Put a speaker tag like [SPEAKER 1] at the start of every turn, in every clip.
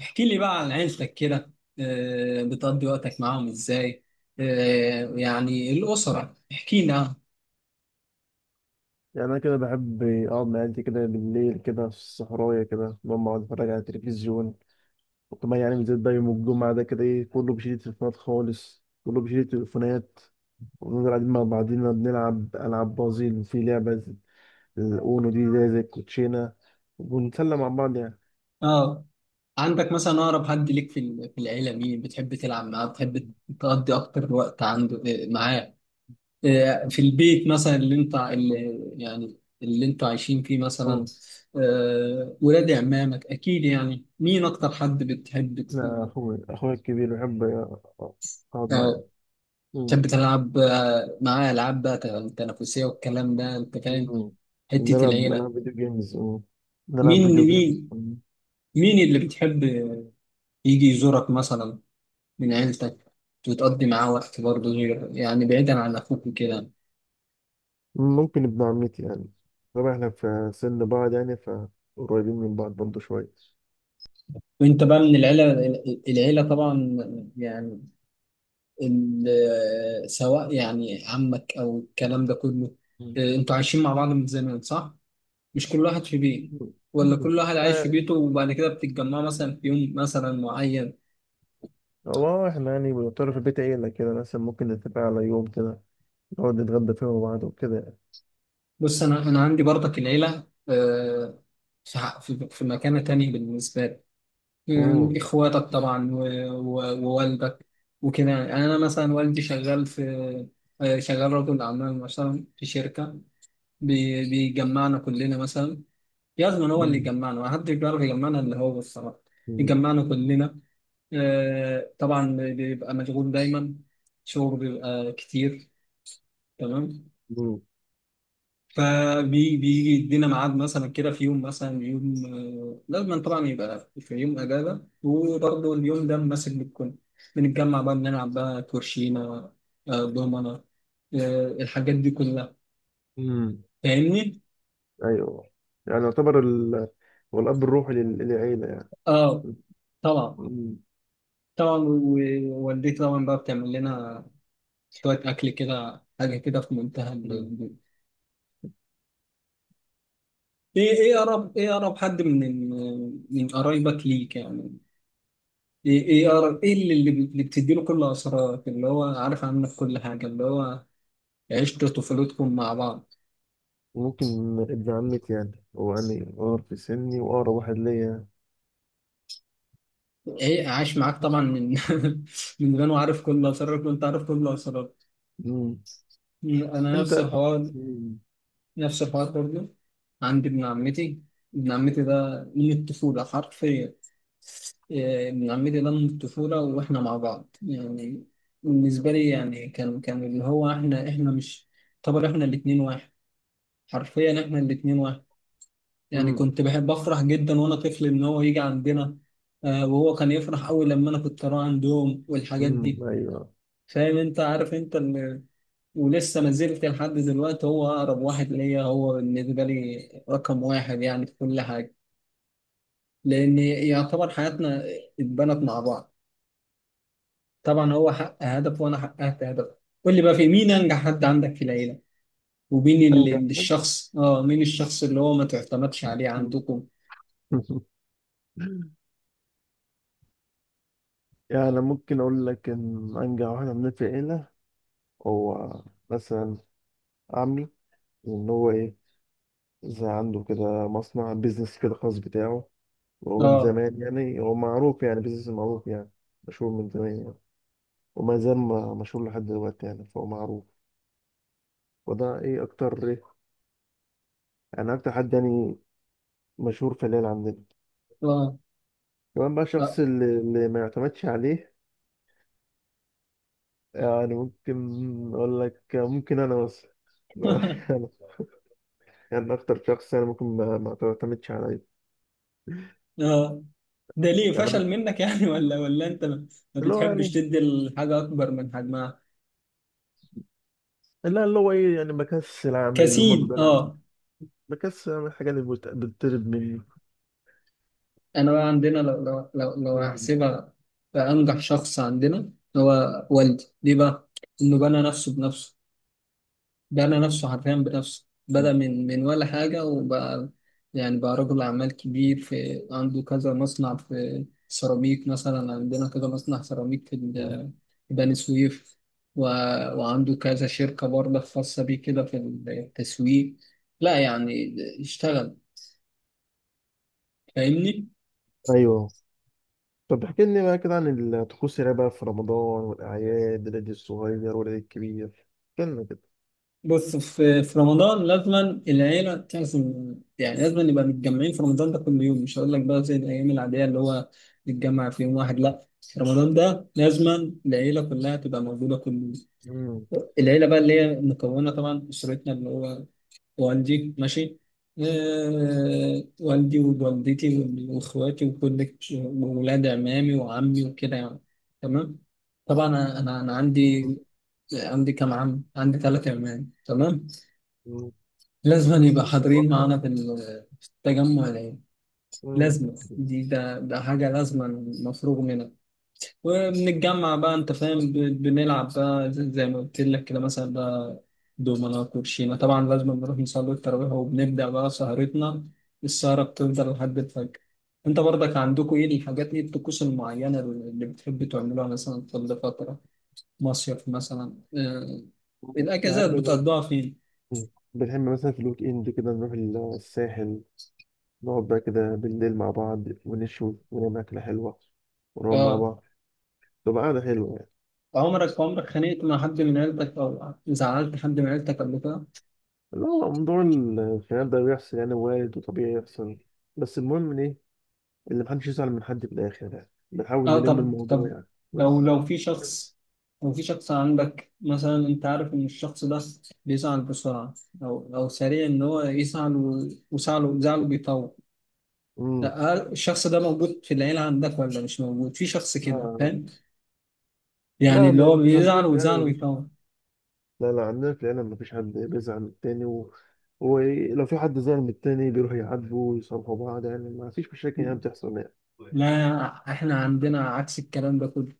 [SPEAKER 1] احكي لي بقى عن عيلتك كده. بتقضي وقتك معاهم ازاي؟ يعني الأسرة احكي لنا عنها.
[SPEAKER 2] يعني أنا كده بحب أقعد مع عيلتي كده بالليل كده في الصحراية كده أقعد أتفرج على التلفزيون. وكمان يعني بالذات ده يوم الجمعة ده كده إيه، كله بيشيل التليفونات خالص، كله بيشيل التليفونات. ونفضل قاعدين مع بعضينا بنلعب ألعاب بازل، في لعبة الأونو دي زي الكوتشينة، ونتسلى مع بعض يعني.
[SPEAKER 1] اه. عندك مثلا أقرب حد ليك في العيلة؟ مين بتحب تلعب معاه؟ بتحب تقضي أكتر وقت عنده معاه، في البيت مثلا اللي أنتوا عايشين فيه مثلا؟
[SPEAKER 2] أه،
[SPEAKER 1] ولاد عمامك أكيد. يعني مين أكتر حد بتحب
[SPEAKER 2] لا، أخويا الكبير بحب أقعد معاه يعني.
[SPEAKER 1] اه،
[SPEAKER 2] مم.
[SPEAKER 1] تحب تلعب معاه ألعاب بقى تنافسية، والكلام ده أنت فاهم.
[SPEAKER 2] مم.
[SPEAKER 1] حتة
[SPEAKER 2] نلعب
[SPEAKER 1] العيلة،
[SPEAKER 2] نلعب فيديو جيمز. مم. نلعب
[SPEAKER 1] مين
[SPEAKER 2] فيديو جيمز.
[SPEAKER 1] مين مين اللي بتحب يجي يزورك مثلا من عيلتك وتقضي معاه وقت برضه، غير يعني بعيدا عن أخوك وكده؟
[SPEAKER 2] ممكن ابن عمتي يعني، طبعا احنا في سن بعض يعني، فقريبين من بعض برضه شوية.
[SPEAKER 1] وأنت بقى من العيلة العيلة طبعا، يعني سواء يعني عمك أو الكلام ده كله.
[SPEAKER 2] مم.
[SPEAKER 1] أنتوا عايشين مع بعض من زمان صح؟ مش كل واحد في بيت، ولا
[SPEAKER 2] مم.
[SPEAKER 1] كل واحد عايش في
[SPEAKER 2] آه،
[SPEAKER 1] بيته وبعد كده بتتجمعوا مثلا في يوم مثلا معين؟
[SPEAKER 2] هو احنا يعني بنضطر في البيت عيلة كده، مثلا ممكن نتفق على يوم كده نقعد نتغدى فيه مع بعض وكده يعني.
[SPEAKER 1] بص، انا عندي برضك العيله في في مكانه تانية بالنسبه لي.
[SPEAKER 2] مم.
[SPEAKER 1] اخواتك طبعا، ووالدك وكده يعني. انا مثلا والدي شغال في، شغال رجل اعمال مثلا في شركه، بيجمعنا كلنا مثلا. لازم هو اللي
[SPEAKER 2] مم.
[SPEAKER 1] يجمعنا، ما حدش بيعرف يجمعنا اللي هو الصراحه،
[SPEAKER 2] مم.
[SPEAKER 1] يجمعنا كلنا. طبعا بيبقى مشغول دايما، شغل بيبقى كتير. تمام.
[SPEAKER 2] مم.
[SPEAKER 1] فبيجي يدينا ميعاد مثلا كده في يوم، مثلا يوم لازم طبعا يبقى في يوم اجازه، وبرضه اليوم ده ماسك بالكل. بنتجمع بقى، بنلعب بقى كوتشينه، دومنه، الحاجات دي كلها.
[SPEAKER 2] مم.
[SPEAKER 1] فاهمني؟
[SPEAKER 2] أيوه. يعني يعتبر هو الأب الروحي للعيلة يعني.
[SPEAKER 1] اه، طبعا.
[SPEAKER 2] مم.
[SPEAKER 1] طبعا ووالدتي طبعا بقى بتعمل لنا شويه اكل كده، حاجه كده في منتهى
[SPEAKER 2] مم.
[SPEAKER 1] ايه. اقرب، اقرب حد من قرايبك ليك يعني؟ ايه ايه ايه اللي اللي بتديله كل اسرارك، اللي هو عارف عنك كل حاجه، اللي هو عشتوا طفولتكم مع بعض؟
[SPEAKER 2] ممكن ابن عمتي يعني، هو يعني أقرب في سني وأقرب واحد ليا يعني.
[SPEAKER 1] ايه، عايش معاك طبعا من من زمان، وعارف كل اسرارك، وانت عارف كل اسرارك.
[SPEAKER 2] مم.
[SPEAKER 1] انا نفس
[SPEAKER 2] أنت.
[SPEAKER 1] الحوار، نفس الحوار برضه. عندي ابن عمتي، ابن عمتي ده من الطفوله حرفيا. إيه، ابن عمتي ده من الطفوله، واحنا مع بعض يعني. بالنسبه لي يعني كان اللي هو احنا مش، طبعا احنا الاتنين واحد، حرفيا احنا الاتنين واحد. يعني
[SPEAKER 2] مم.
[SPEAKER 1] كنت بحب أفرح جدا وأنا طفل إن هو يجي عندنا، وهو كان يفرح أوي لما أنا كنت أروح عندهم والحاجات دي.
[SPEAKER 2] ايوه.
[SPEAKER 1] فاهم أنت؟ عارف أنت ال... ولسه ما زلت لحد دلوقتي هو أقرب واحد ليا، هو بالنسبة لي رقم واحد يعني في كل حاجة. لأن يعتبر حياتنا اتبنت مع بعض. طبعا هو حقق هدف وأنا حققت هدف. قول لي بقى، في مين أنجح حد عندك في العيلة؟ ومين
[SPEAKER 2] انجح.
[SPEAKER 1] ال- الشخص اه مين الشخص اللي هو ما تعتمدش عليه
[SPEAKER 2] مم.
[SPEAKER 1] عندكم؟
[SPEAKER 2] يعني ممكن اقول لك ان انجح واحد عندنا في العيله هو مثلا عمي، ان هو ايه، زي عنده كده مصنع بيزنس كده خاص بتاعه. وهو من
[SPEAKER 1] اه
[SPEAKER 2] زمان يعني، هو معروف يعني، بيزنس معروف يعني، مشهور من زمان يعني. وما زال مشهور لحد دلوقتي يعني، فهو معروف. وده ايه اكتر ايه، يعني اكتر حد يعني مشهور في العيله عندنا.
[SPEAKER 1] اه.
[SPEAKER 2] كمان بقى الشخص
[SPEAKER 1] آه.
[SPEAKER 2] اللي ما يعتمدش عليه، يعني ممكن أقول لك، ممكن أنا مثلا. أنا يعني أكتر شخص يعني ممكن ما تعتمدش عليا.
[SPEAKER 1] اه، ده ليه
[SPEAKER 2] يعني أنا
[SPEAKER 1] فشل منك يعني؟ ولا انت ما
[SPEAKER 2] اللي هو
[SPEAKER 1] بتحبش
[SPEAKER 2] يعني،
[SPEAKER 1] تدي الحاجة اكبر من حجمها؟
[SPEAKER 2] لا، اللي هو إيه، يعني بكسل أعمل اللي هما
[SPEAKER 1] كسيد،
[SPEAKER 2] بيقولوا عليه،
[SPEAKER 1] اه.
[SPEAKER 2] بكسل أعمل الحاجة اللي بتطلب مني.
[SPEAKER 1] انا بقى عندنا، لو
[SPEAKER 2] م-
[SPEAKER 1] هحسبها بأنجح شخص عندنا، هو والدي. ليه بقى؟ انه بنى نفسه بنفسه. بنى نفسه حرفيا بنفسه. بدأ من ولا حاجة، وبقى يعني بقى رجل أعمال كبير. في عنده كذا مصنع في سيراميك مثلا، عندنا كذا مصنع سيراميك
[SPEAKER 2] م-
[SPEAKER 1] في بني سويف. و... وعنده كذا شركة برضه خاصة بيه كده في التسويق. لا يعني، اشتغل. فاهمني؟
[SPEAKER 2] أيوه. طب احكي لي بقى كده عن الطقوس اللي بقى في رمضان والأعياد، العيد الصغير والعيد الكبير، احكي لنا كده.
[SPEAKER 1] بص، في رمضان لازما العيلة تعزم، يعني لازما نبقى متجمعين. في رمضان ده كل يوم، مش هقول لك بقى زي الأيام العادية اللي هو نتجمع في يوم واحد، لا. رمضان ده لازما العيلة كلها تبقى موجودة كل يوم.
[SPEAKER 2] م-
[SPEAKER 1] العيلة بقى اللي هي مكونة طبعا أسرتنا، اللي هو والدي، ماشي، والدي ووالدتي وإخواتي، وكل وولاد عمامي وعمي وكده يعني. تمام. طبعا أنا عندي،
[SPEAKER 2] م-
[SPEAKER 1] عندي كام عم؟ عندي ثلاثة عمام. تمام.
[SPEAKER 2] م-
[SPEAKER 1] لازم يبقى حاضرين معانا في التجمع العيلي.
[SPEAKER 2] م-
[SPEAKER 1] لازمة دي، ده ده حاجة لازمة مفروغ منها. وبنتجمع بقى، أنت فاهم، بنلعب بقى زي ما قلت لك كده مثلا بقى، دومنا، كوتشينة. طبعا لازم بنروح نصلي التراويح، وبنبدأ بقى سهرتنا، السهرة بتفضل لحد الفجر. أنت برضك عندكم إيه الحاجات؟ إيه الطقوس المعينة اللي بتحب تعملوها مثلا كل فترة؟ مصيف مثلا، الأجازات
[SPEAKER 2] بحب
[SPEAKER 1] بتقضوها فين؟
[SPEAKER 2] بحب مثلا في الويك إند كده نروح الساحل، نقعد بقى كده بالليل مع بعض ونشوي ونعمل أكلة حلوة ونقعد مع
[SPEAKER 1] آه،
[SPEAKER 2] بعض، تبقى قعدة حلوة يعني.
[SPEAKER 1] عمرك خانقت مع حد من عيلتك، او زعلت حد من عيلتك قبل كده؟
[SPEAKER 2] اللي هو موضوع الخيال ده بيحصل يعني، وارد وطبيعي يحصل، بس المهم إن إيه اللي محدش يزعل من حد في الآخر، يعني بنحاول
[SPEAKER 1] اه،
[SPEAKER 2] نلم
[SPEAKER 1] طب.
[SPEAKER 2] الموضوع يعني. بس.
[SPEAKER 1] لو في شخص، لو في شخص عندك مثلا، انت عارف ان الشخص ده بيزعل بسرعه، او سريع ان هو يزعل، وزعله، بيطول.
[SPEAKER 2] امم
[SPEAKER 1] لا، هل الشخص ده موجود في العيله عندك، ولا مش موجود؟ في شخص كده،
[SPEAKER 2] لا،
[SPEAKER 1] فاهم، يعني
[SPEAKER 2] لا.
[SPEAKER 1] اللي هو
[SPEAKER 2] عندنا
[SPEAKER 1] بيزعل
[SPEAKER 2] في العيلة
[SPEAKER 1] وزعله بيطول؟
[SPEAKER 2] لا، لا، عندنا في العيلة مفيش حد بيزعل من التاني ولو في حد زعل من التاني بيروح يعاتبه ويصالحوا بعض، يعني مفيش مشاكل يعني بتحصل يعني.
[SPEAKER 1] لا، احنا عندنا عكس الكلام ده كله.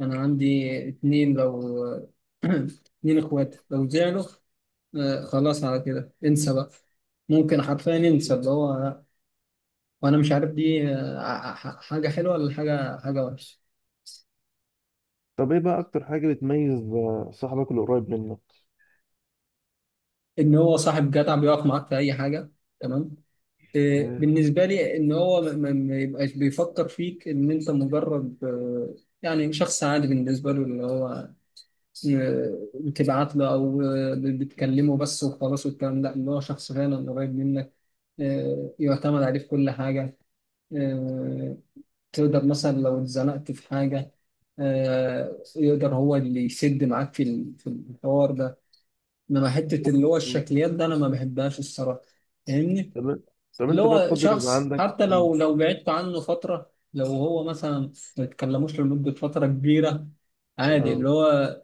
[SPEAKER 1] انا عندي اتنين، لو اتنين اخوات لو زعلوا، خلاص، على كده انسى بقى. ممكن حرفيا انسى اللي هو. وانا مش عارف دي حاجه حلوه، ولا حاجه وحشه.
[SPEAKER 2] طب ايه بقى اكتر حاجة بتميز آه، صاحبك اللي قريب منك؟
[SPEAKER 1] ان هو صاحب جدع، بيقف معاك في اي حاجه. تمام.
[SPEAKER 2] مم.
[SPEAKER 1] بالنسبه لي ان هو ما يبقاش بيفكر فيك ان انت مجرد يعني شخص عادي بالنسبه له، اللي هو بتبعت له، او بتكلمه بس وخلاص والكلام ده. اللي هو شخص فعلا قريب منك، يعتمد عليه في كل حاجه. آه، تقدر مثلا لو اتزنقت في حاجة، يقدر هو اللي يسد معاك في الحوار ده. انما حتة اللي هو
[SPEAKER 2] مم.
[SPEAKER 1] الشكليات ده انا ما بحبهاش الصراحة. فاهمني؟
[SPEAKER 2] طب طب
[SPEAKER 1] اللي
[SPEAKER 2] انت بقى
[SPEAKER 1] هو
[SPEAKER 2] تفضل يبقى
[SPEAKER 1] شخص
[SPEAKER 2] عندك.
[SPEAKER 1] حتى
[SPEAKER 2] مم.
[SPEAKER 1] لو بعدت عنه فترة، لو هو مثلا ما تكلموش لمدة فترة كبيرة، عادي
[SPEAKER 2] اه،
[SPEAKER 1] اللي هو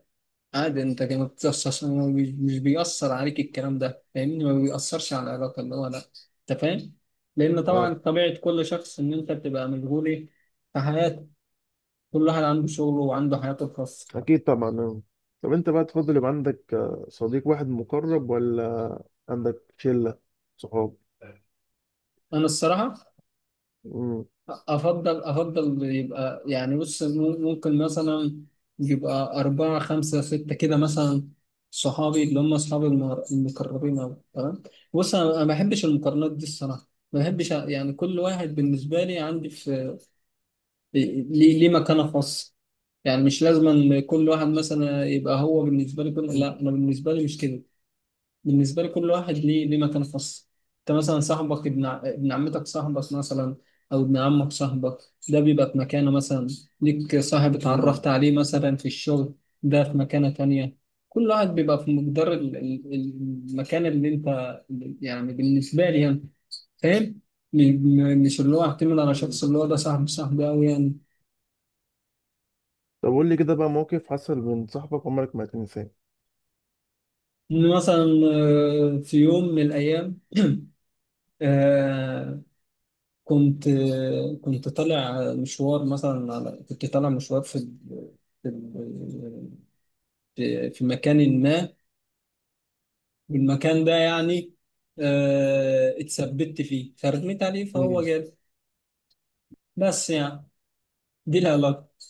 [SPEAKER 1] عادي. انت كده ما بتأثرش، مش بيأثر عليك الكلام ده، فاهمني، ما بيأثرش على العلاقة، اللي هو لا، انت فاهم. لأن
[SPEAKER 2] اه،
[SPEAKER 1] طبعا طبيعة كل شخص إن أنت بتبقى مشغول إيه؟ في حياتك. كل واحد عنده شغله وعنده حياته الخاصة.
[SPEAKER 2] اكيد طبعا آه. طب انت بقى تفضل يبقى عندك آه، صديق واحد مقرب، ولا عندك شلة صحاب؟
[SPEAKER 1] أنا الصراحة
[SPEAKER 2] مم.
[SPEAKER 1] أفضل يبقى يعني، بص، ممكن مثلا يبقى أربعة خمسة ستة كده مثلا صحابي، اللي هم أصحابي المقربين أوي. تمام. بص، أنا ما بحبش المقارنات دي الصراحة. ما بحبش يعني كل واحد بالنسبة لي عندي في ليه، ليه مكانة خاصة. يعني مش لازم أن كل واحد مثلا يبقى هو بالنسبة لي كل،
[SPEAKER 2] مم.
[SPEAKER 1] لا، أنا بالنسبة لي مش كده. بالنسبة لي كل واحد ليه مكان خاص. انت مثلا صاحبك، ابن ابن عمتك صاحبك مثلا، او ابن عمك صاحبك، ده بيبقى في مكانه مثلا. ليك صاحب اتعرفت عليه مثلا في الشغل، ده في مكانة تانية. كل واحد بيبقى في مقدار المكان اللي انت، يعني بالنسبة لي يعني، فاهم. م- مش اللي هو اعتمد على
[SPEAKER 2] مم.
[SPEAKER 1] شخص، اللي هو ده صاحبي أوي يعني.
[SPEAKER 2] طب قول لي كده بقى موقف حصل من صاحبك عمرك ما هتنساه.
[SPEAKER 1] إن مثلا في يوم من الأيام، آه، كنت كنت طالع مشوار مثلا، على، كنت طالع مشوار في ال- في مكان ما، والمكان ده يعني اتثبت فيه، فرميت عليه فهو جاب. بس يعني، دي العلاقة.